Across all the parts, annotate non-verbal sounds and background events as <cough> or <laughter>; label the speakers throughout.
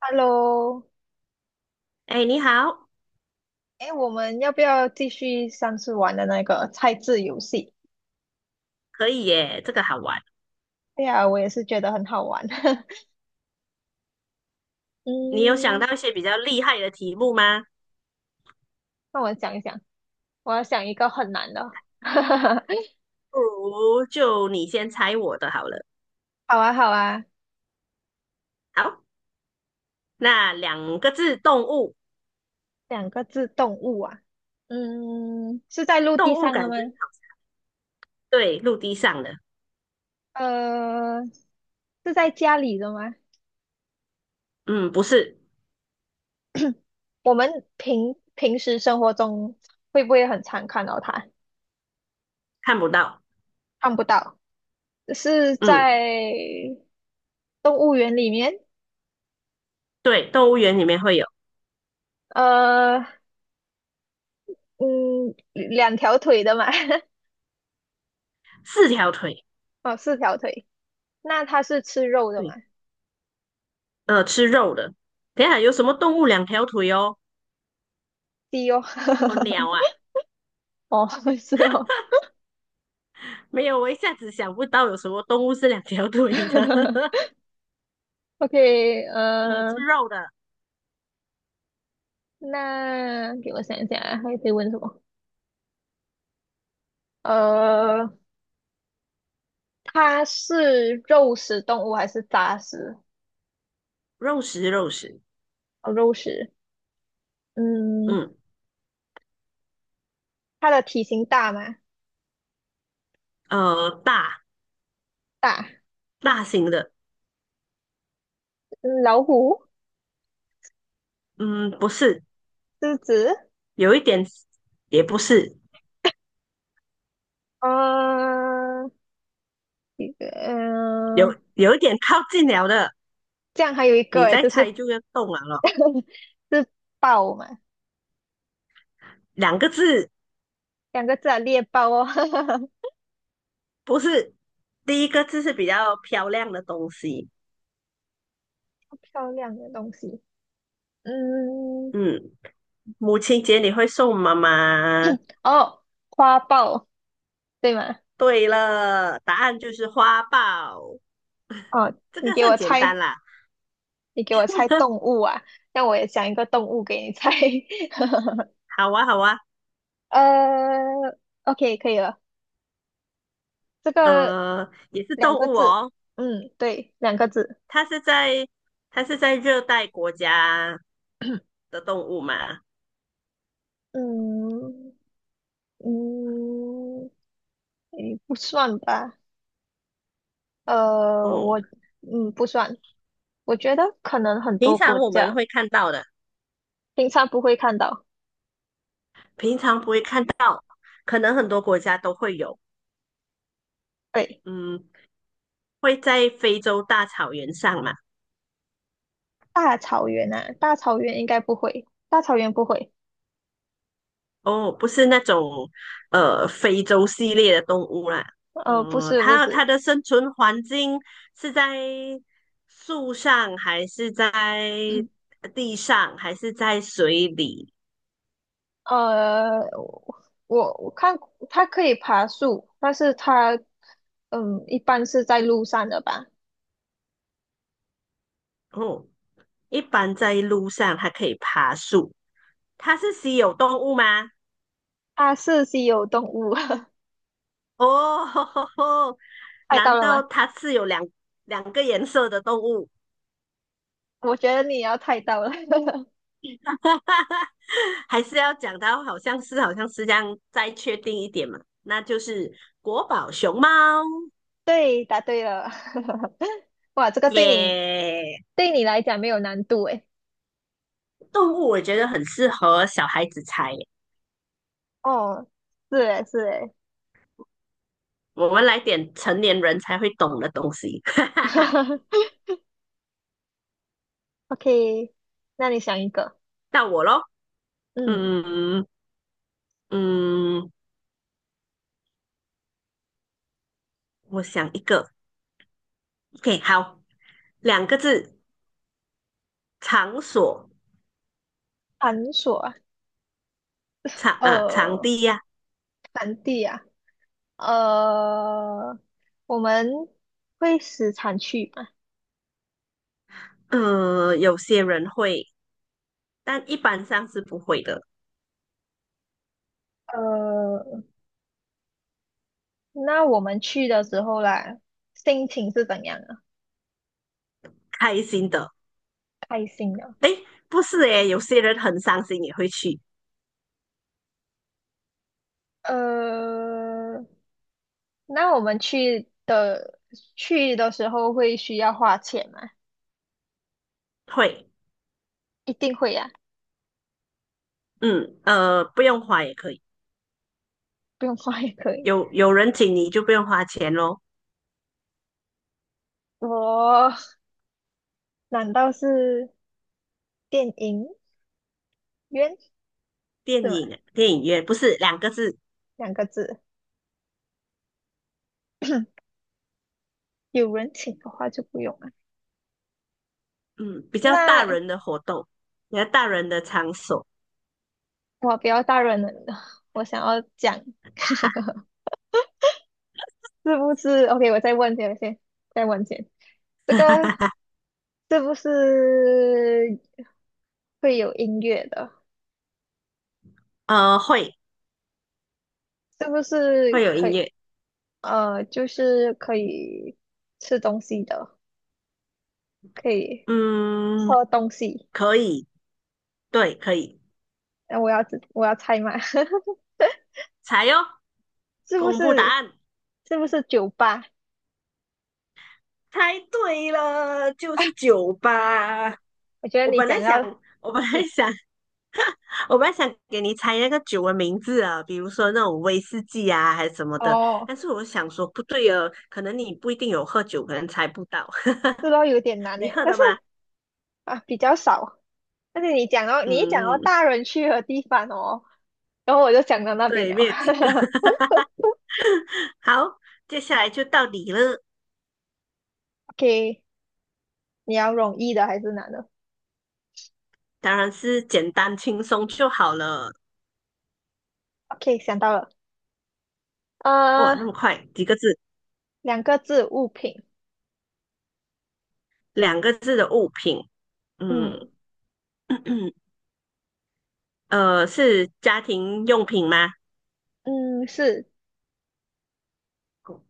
Speaker 1: Hello，
Speaker 2: 哎，你好。
Speaker 1: 哎，我们要不要继续上次玩的那个猜字游戏？
Speaker 2: 可以耶，这个好玩。
Speaker 1: 对呀，我也是觉得很好玩。<laughs>
Speaker 2: 你有想
Speaker 1: 嗯，
Speaker 2: 到一些比较厉害的题目吗？
Speaker 1: 那我想一想，我要想一个很难的。<laughs>
Speaker 2: 不如就你先猜我的好了。
Speaker 1: 好啊，好啊，
Speaker 2: 好，那两个字，动物。
Speaker 1: 两个字动物啊。嗯，是在陆
Speaker 2: 动
Speaker 1: 地
Speaker 2: 物
Speaker 1: 上的
Speaker 2: 感
Speaker 1: 吗？
Speaker 2: 觉对，陆地上的。
Speaker 1: 呃，是在家里的吗？
Speaker 2: 嗯，不是。
Speaker 1: 我们平时生活中会不会很常看到它？
Speaker 2: 看不到。
Speaker 1: 看不到，是
Speaker 2: 嗯，
Speaker 1: 在动物园里面。
Speaker 2: 对，动物园里面会有
Speaker 1: 呃，嗯，两条腿的嘛？<laughs>
Speaker 2: 四条腿。
Speaker 1: 哦，四条腿。那它是吃肉的嘛？
Speaker 2: 对，吃肉的。等一下有什么动物两条腿哦？
Speaker 1: 鸡哦，
Speaker 2: 哦，鸟啊。
Speaker 1: <laughs> 哦，是哦。
Speaker 2: 没有，我一下子想不到有什么动物是两条腿的。
Speaker 1: <laughs>
Speaker 2: <laughs>
Speaker 1: OK，
Speaker 2: 嗯，
Speaker 1: 呃，
Speaker 2: 吃肉的。
Speaker 1: 那给我想一想啊，还可以问什么？呃，它是肉食动物还是杂食？
Speaker 2: 肉食，肉食。
Speaker 1: 哦，肉食。嗯，
Speaker 2: 嗯。
Speaker 1: 它的体型大吗？
Speaker 2: 大
Speaker 1: 大。
Speaker 2: 大型的。
Speaker 1: 嗯，老虎、
Speaker 2: 嗯，不是。
Speaker 1: 狮子，
Speaker 2: 有一点也不是。
Speaker 1: 啊，一个，嗯、
Speaker 2: 有一点靠近了的。
Speaker 1: 这样还有一个
Speaker 2: 你
Speaker 1: 诶，
Speaker 2: 再
Speaker 1: 就是
Speaker 2: 猜就要动了咯。
Speaker 1: <laughs> 是豹嘛？
Speaker 2: 两个字。
Speaker 1: 两个字啊，猎豹哦，<laughs>
Speaker 2: 不是。第一个字是比较漂亮的东西。
Speaker 1: 漂亮的东西。嗯，
Speaker 2: 嗯，母亲节你会送妈妈。
Speaker 1: 哦，花豹对吗？
Speaker 2: 对了，答案就是花豹。
Speaker 1: 哦，
Speaker 2: 这
Speaker 1: 你
Speaker 2: 个
Speaker 1: 给
Speaker 2: 算
Speaker 1: 我
Speaker 2: 简单
Speaker 1: 猜，
Speaker 2: 啦。
Speaker 1: 你给我猜
Speaker 2: <laughs>
Speaker 1: 动物啊，那我也想一个动物给你猜。<laughs>
Speaker 2: 好啊，好啊。
Speaker 1: 呃，OK，可以了，这个
Speaker 2: 也是
Speaker 1: 两
Speaker 2: 动
Speaker 1: 个
Speaker 2: 物
Speaker 1: 字，
Speaker 2: 哦。
Speaker 1: 嗯，对，两个字，
Speaker 2: 它是在它是在热带国家的动物嘛。
Speaker 1: 嗯嗯，诶，不算吧？呃，我
Speaker 2: 嗯。
Speaker 1: 不算，我觉得可能很
Speaker 2: 平
Speaker 1: 多国
Speaker 2: 常我们
Speaker 1: 家
Speaker 2: 会看到的。
Speaker 1: 平常不会看到，
Speaker 2: 平常不会看到，可能很多国家都会有。
Speaker 1: 对。
Speaker 2: 嗯，会在非洲大草原上嘛？
Speaker 1: 大草原啊，大草原应该不会，大草原不会，
Speaker 2: 哦，不是那种非洲系列的动物啦。
Speaker 1: 呃，不
Speaker 2: 嗯，
Speaker 1: 是不
Speaker 2: 它
Speaker 1: 是，
Speaker 2: 的生存环境是在树上，还是在
Speaker 1: <clears throat>
Speaker 2: 地上，还是在水里？
Speaker 1: 呃，我看它可以爬树，但是它，嗯，一般是在路上的吧，
Speaker 2: 哦，一般在路上，它可以爬树。它是稀有动物吗？
Speaker 1: 它是稀有动物，<laughs>
Speaker 2: 哦，<laughs>
Speaker 1: 猜到
Speaker 2: 难
Speaker 1: 了
Speaker 2: 道
Speaker 1: 吗？
Speaker 2: 它是有两两个颜色的动物？
Speaker 1: 我觉得你也要猜到了，
Speaker 2: <laughs> 还是要讲到好像是好像是这样，再确定一点嘛？那就是国宝熊猫
Speaker 1: <laughs> 对，答对了，<laughs> 哇，这个对你
Speaker 2: 耶。
Speaker 1: 对你来讲没有难度诶，
Speaker 2: 动物我觉得很适合小孩子猜耶。
Speaker 1: 哦，是诶是诶
Speaker 2: 我们来点成年人才会懂的东西。<laughs>
Speaker 1: <laughs>，OK，那你想一个，
Speaker 2: 到我咯。
Speaker 1: 嗯，
Speaker 2: 嗯，嗯，我想一个。OK，好。两个字，场所。
Speaker 1: 繁琐。
Speaker 2: 场啊，场
Speaker 1: 呃，
Speaker 2: 地呀、
Speaker 1: 产地啊，呃，我们会时常去吗？
Speaker 2: 有些人会，但一般上是不会的。
Speaker 1: 呃，那我们去的时候啦，心情是怎样啊？
Speaker 2: 开心的。
Speaker 1: 开心的。
Speaker 2: 诶，不是诶，有些人很伤心也会去。
Speaker 1: 呃，那我们去的去的时候会需要花钱吗？
Speaker 2: 会。
Speaker 1: 一定会呀、
Speaker 2: 不用花也可以。
Speaker 1: 不用花也可以。
Speaker 2: 有人请你就不用花钱咯。
Speaker 1: 我难道是电影院是
Speaker 2: 电
Speaker 1: 吗？
Speaker 2: 影电影院不是两个字。
Speaker 1: 两个字，有人请的话就不用了。
Speaker 2: 嗯，比较大
Speaker 1: 那
Speaker 2: 人的活动，比较大人的场所。
Speaker 1: 我不要大人了，我想要讲，<laughs> 是
Speaker 2: 哈。
Speaker 1: 不是？OK，我再问先，先再问先，这个是不是会有音乐的？
Speaker 2: 会
Speaker 1: 是不是
Speaker 2: 会有
Speaker 1: 可
Speaker 2: 音
Speaker 1: 以？
Speaker 2: 乐。
Speaker 1: 就是可以吃东西的，可以
Speaker 2: 嗯，
Speaker 1: 喝东西。
Speaker 2: 可以。对，可以。
Speaker 1: 那我要知我要猜嘛，<laughs> 是
Speaker 2: 猜哟。
Speaker 1: 不
Speaker 2: 公布答
Speaker 1: 是？
Speaker 2: 案。
Speaker 1: 是不是酒吧？
Speaker 2: 猜对了，就是酒吧。
Speaker 1: 我觉得
Speaker 2: 我
Speaker 1: 你
Speaker 2: 本
Speaker 1: 讲
Speaker 2: 来想，
Speaker 1: 到
Speaker 2: <laughs> 我本来
Speaker 1: 你
Speaker 2: 想，<laughs> 我本来想给你猜那个酒的名字啊，比如说那种威士忌啊，还是什么的。
Speaker 1: 哦，
Speaker 2: 但是我想说，不对哦，可能你不一定有喝酒，可能猜不到。<laughs>
Speaker 1: 这都有点难
Speaker 2: 你
Speaker 1: 诶，
Speaker 2: 喝
Speaker 1: 但
Speaker 2: 的
Speaker 1: 是
Speaker 2: 吗？
Speaker 1: 啊比较少。但是你讲到你一讲到
Speaker 2: 嗯，
Speaker 1: 大人去的地方哦。然后我就想到那边
Speaker 2: 对，没
Speaker 1: 了。
Speaker 2: 有几个。<laughs> 好，接下来就到你了。
Speaker 1: <laughs> OK，你要容易的还是难的
Speaker 2: 当然是简单轻松就好了。
Speaker 1: ？OK，想到了，
Speaker 2: 哇，
Speaker 1: 呃，
Speaker 2: 那么快，几个字？
Speaker 1: 两个字物品，
Speaker 2: 两个字的物品。
Speaker 1: 嗯
Speaker 2: 嗯。<clears throat> 是家庭用品吗？
Speaker 1: 嗯，是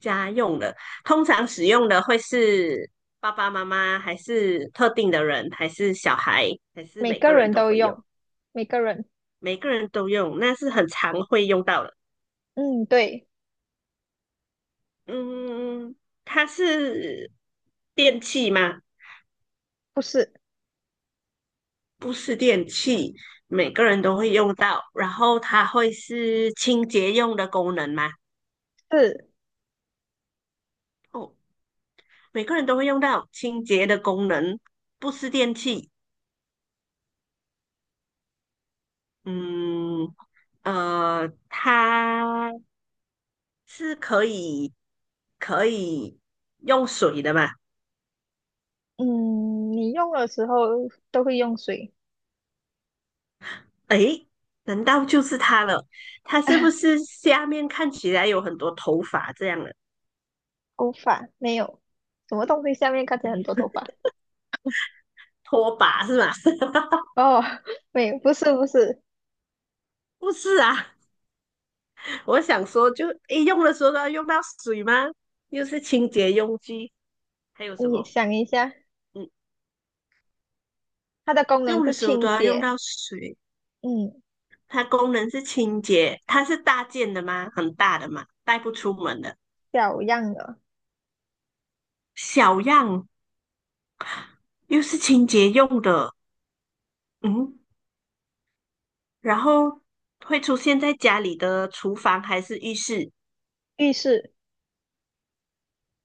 Speaker 2: 家用的，通常使用的会是爸爸妈妈，还是特定的人，还是小孩，还是
Speaker 1: 每
Speaker 2: 每
Speaker 1: 个
Speaker 2: 个人
Speaker 1: 人
Speaker 2: 都
Speaker 1: 都
Speaker 2: 会用？
Speaker 1: 用，每个人，
Speaker 2: 每个人都用，那是很常会用到的。
Speaker 1: 嗯，对，
Speaker 2: 嗯，它是电器吗？
Speaker 1: 不是，
Speaker 2: 不是电器，每个人都会用到。然后它会是清洁用的功能吗？
Speaker 1: 是，
Speaker 2: 哦，每个人都会用到清洁的功能。不是电器。嗯，它是可以用水的嘛？
Speaker 1: 嗯，你用的时候都会用水，
Speaker 2: 诶，难道就是它了？它是不是下面看起来有很多头发这样的
Speaker 1: 头发没有，什么东西下面看起来很多头发？
Speaker 2: 拖把是吗？<laughs>
Speaker 1: 哦，<laughs> 没有，不是不是，
Speaker 2: 不是啊。我想说就，诶用的时候都要用到水吗？又是清洁用具，还有什
Speaker 1: 你
Speaker 2: 么？
Speaker 1: 想一下，
Speaker 2: 嗯，
Speaker 1: 它的功能
Speaker 2: 用
Speaker 1: 是
Speaker 2: 的时候都
Speaker 1: 清
Speaker 2: 要用
Speaker 1: 洁，
Speaker 2: 到水。
Speaker 1: 嗯，
Speaker 2: 它功能是清洁，它是大件的吗？很大的嘛，带不出门的。
Speaker 1: 小样的，
Speaker 2: 小样又是清洁用的。嗯，然后会出现在家里的厨房还是浴室？
Speaker 1: 浴室。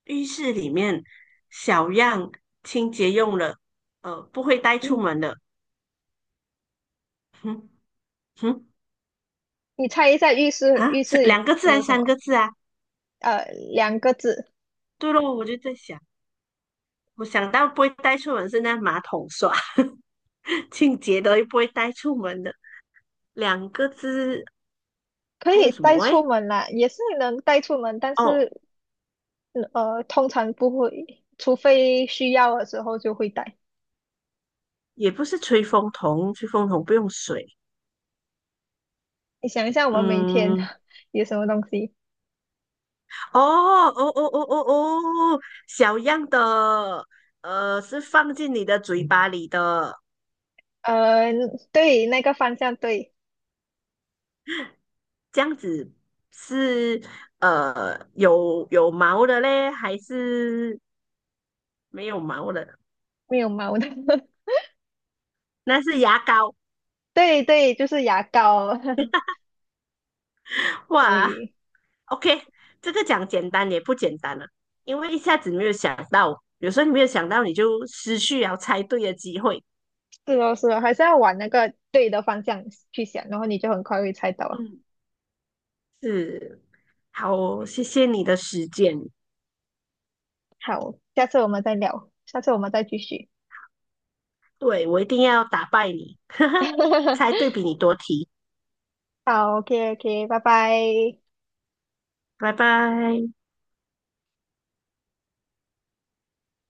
Speaker 2: 浴室里面小样清洁用了。不会带出门的。哼。哼。
Speaker 1: 你猜一下浴室
Speaker 2: 啊，
Speaker 1: 浴
Speaker 2: 三
Speaker 1: 室
Speaker 2: 两个字还
Speaker 1: 有
Speaker 2: 是
Speaker 1: 什
Speaker 2: 三个
Speaker 1: 么？
Speaker 2: 字啊？
Speaker 1: 呃，两个字，
Speaker 2: 对咯，我就在想。我想到不会带出门是那马桶刷。<laughs> 清洁的又不会带出门的。两个字
Speaker 1: 可
Speaker 2: 还有
Speaker 1: 以
Speaker 2: 什
Speaker 1: 带
Speaker 2: 么？
Speaker 1: 出
Speaker 2: 哎。
Speaker 1: 门啦，也是能带出门，但
Speaker 2: 哦，
Speaker 1: 是通常不会，除非需要的时候就会带。
Speaker 2: 也不是吹风筒，吹风筒不用水。
Speaker 1: 你想一下，我们每天
Speaker 2: 嗯，
Speaker 1: <laughs> 有什么东西？
Speaker 2: 哦哦哦哦哦哦。小样的，是放进你的嘴巴里的。
Speaker 1: 呃，对，那个方向对，
Speaker 2: 这样子是有毛的嘞，还是没有毛的？
Speaker 1: 没有毛的，
Speaker 2: 那是牙膏。
Speaker 1: <laughs> 对对，就是牙膏。<laughs>
Speaker 2: 哇
Speaker 1: 对，
Speaker 2: ，OK，这个讲简单也不简单了。因为一下子没有想到，有时候你没有想到，你就失去了猜对的机会。
Speaker 1: 是哦是哦，还是要往那个对的方向去想，然后你就很快会猜到。
Speaker 2: 嗯，是。好，谢谢你的时间。
Speaker 1: 好，下次我们再聊，下次我们再继续。
Speaker 2: 对，我一定要打败你，<laughs> 才
Speaker 1: <laughs>
Speaker 2: 对比你多题。
Speaker 1: 好，OK，OK，拜拜。
Speaker 2: 拜拜。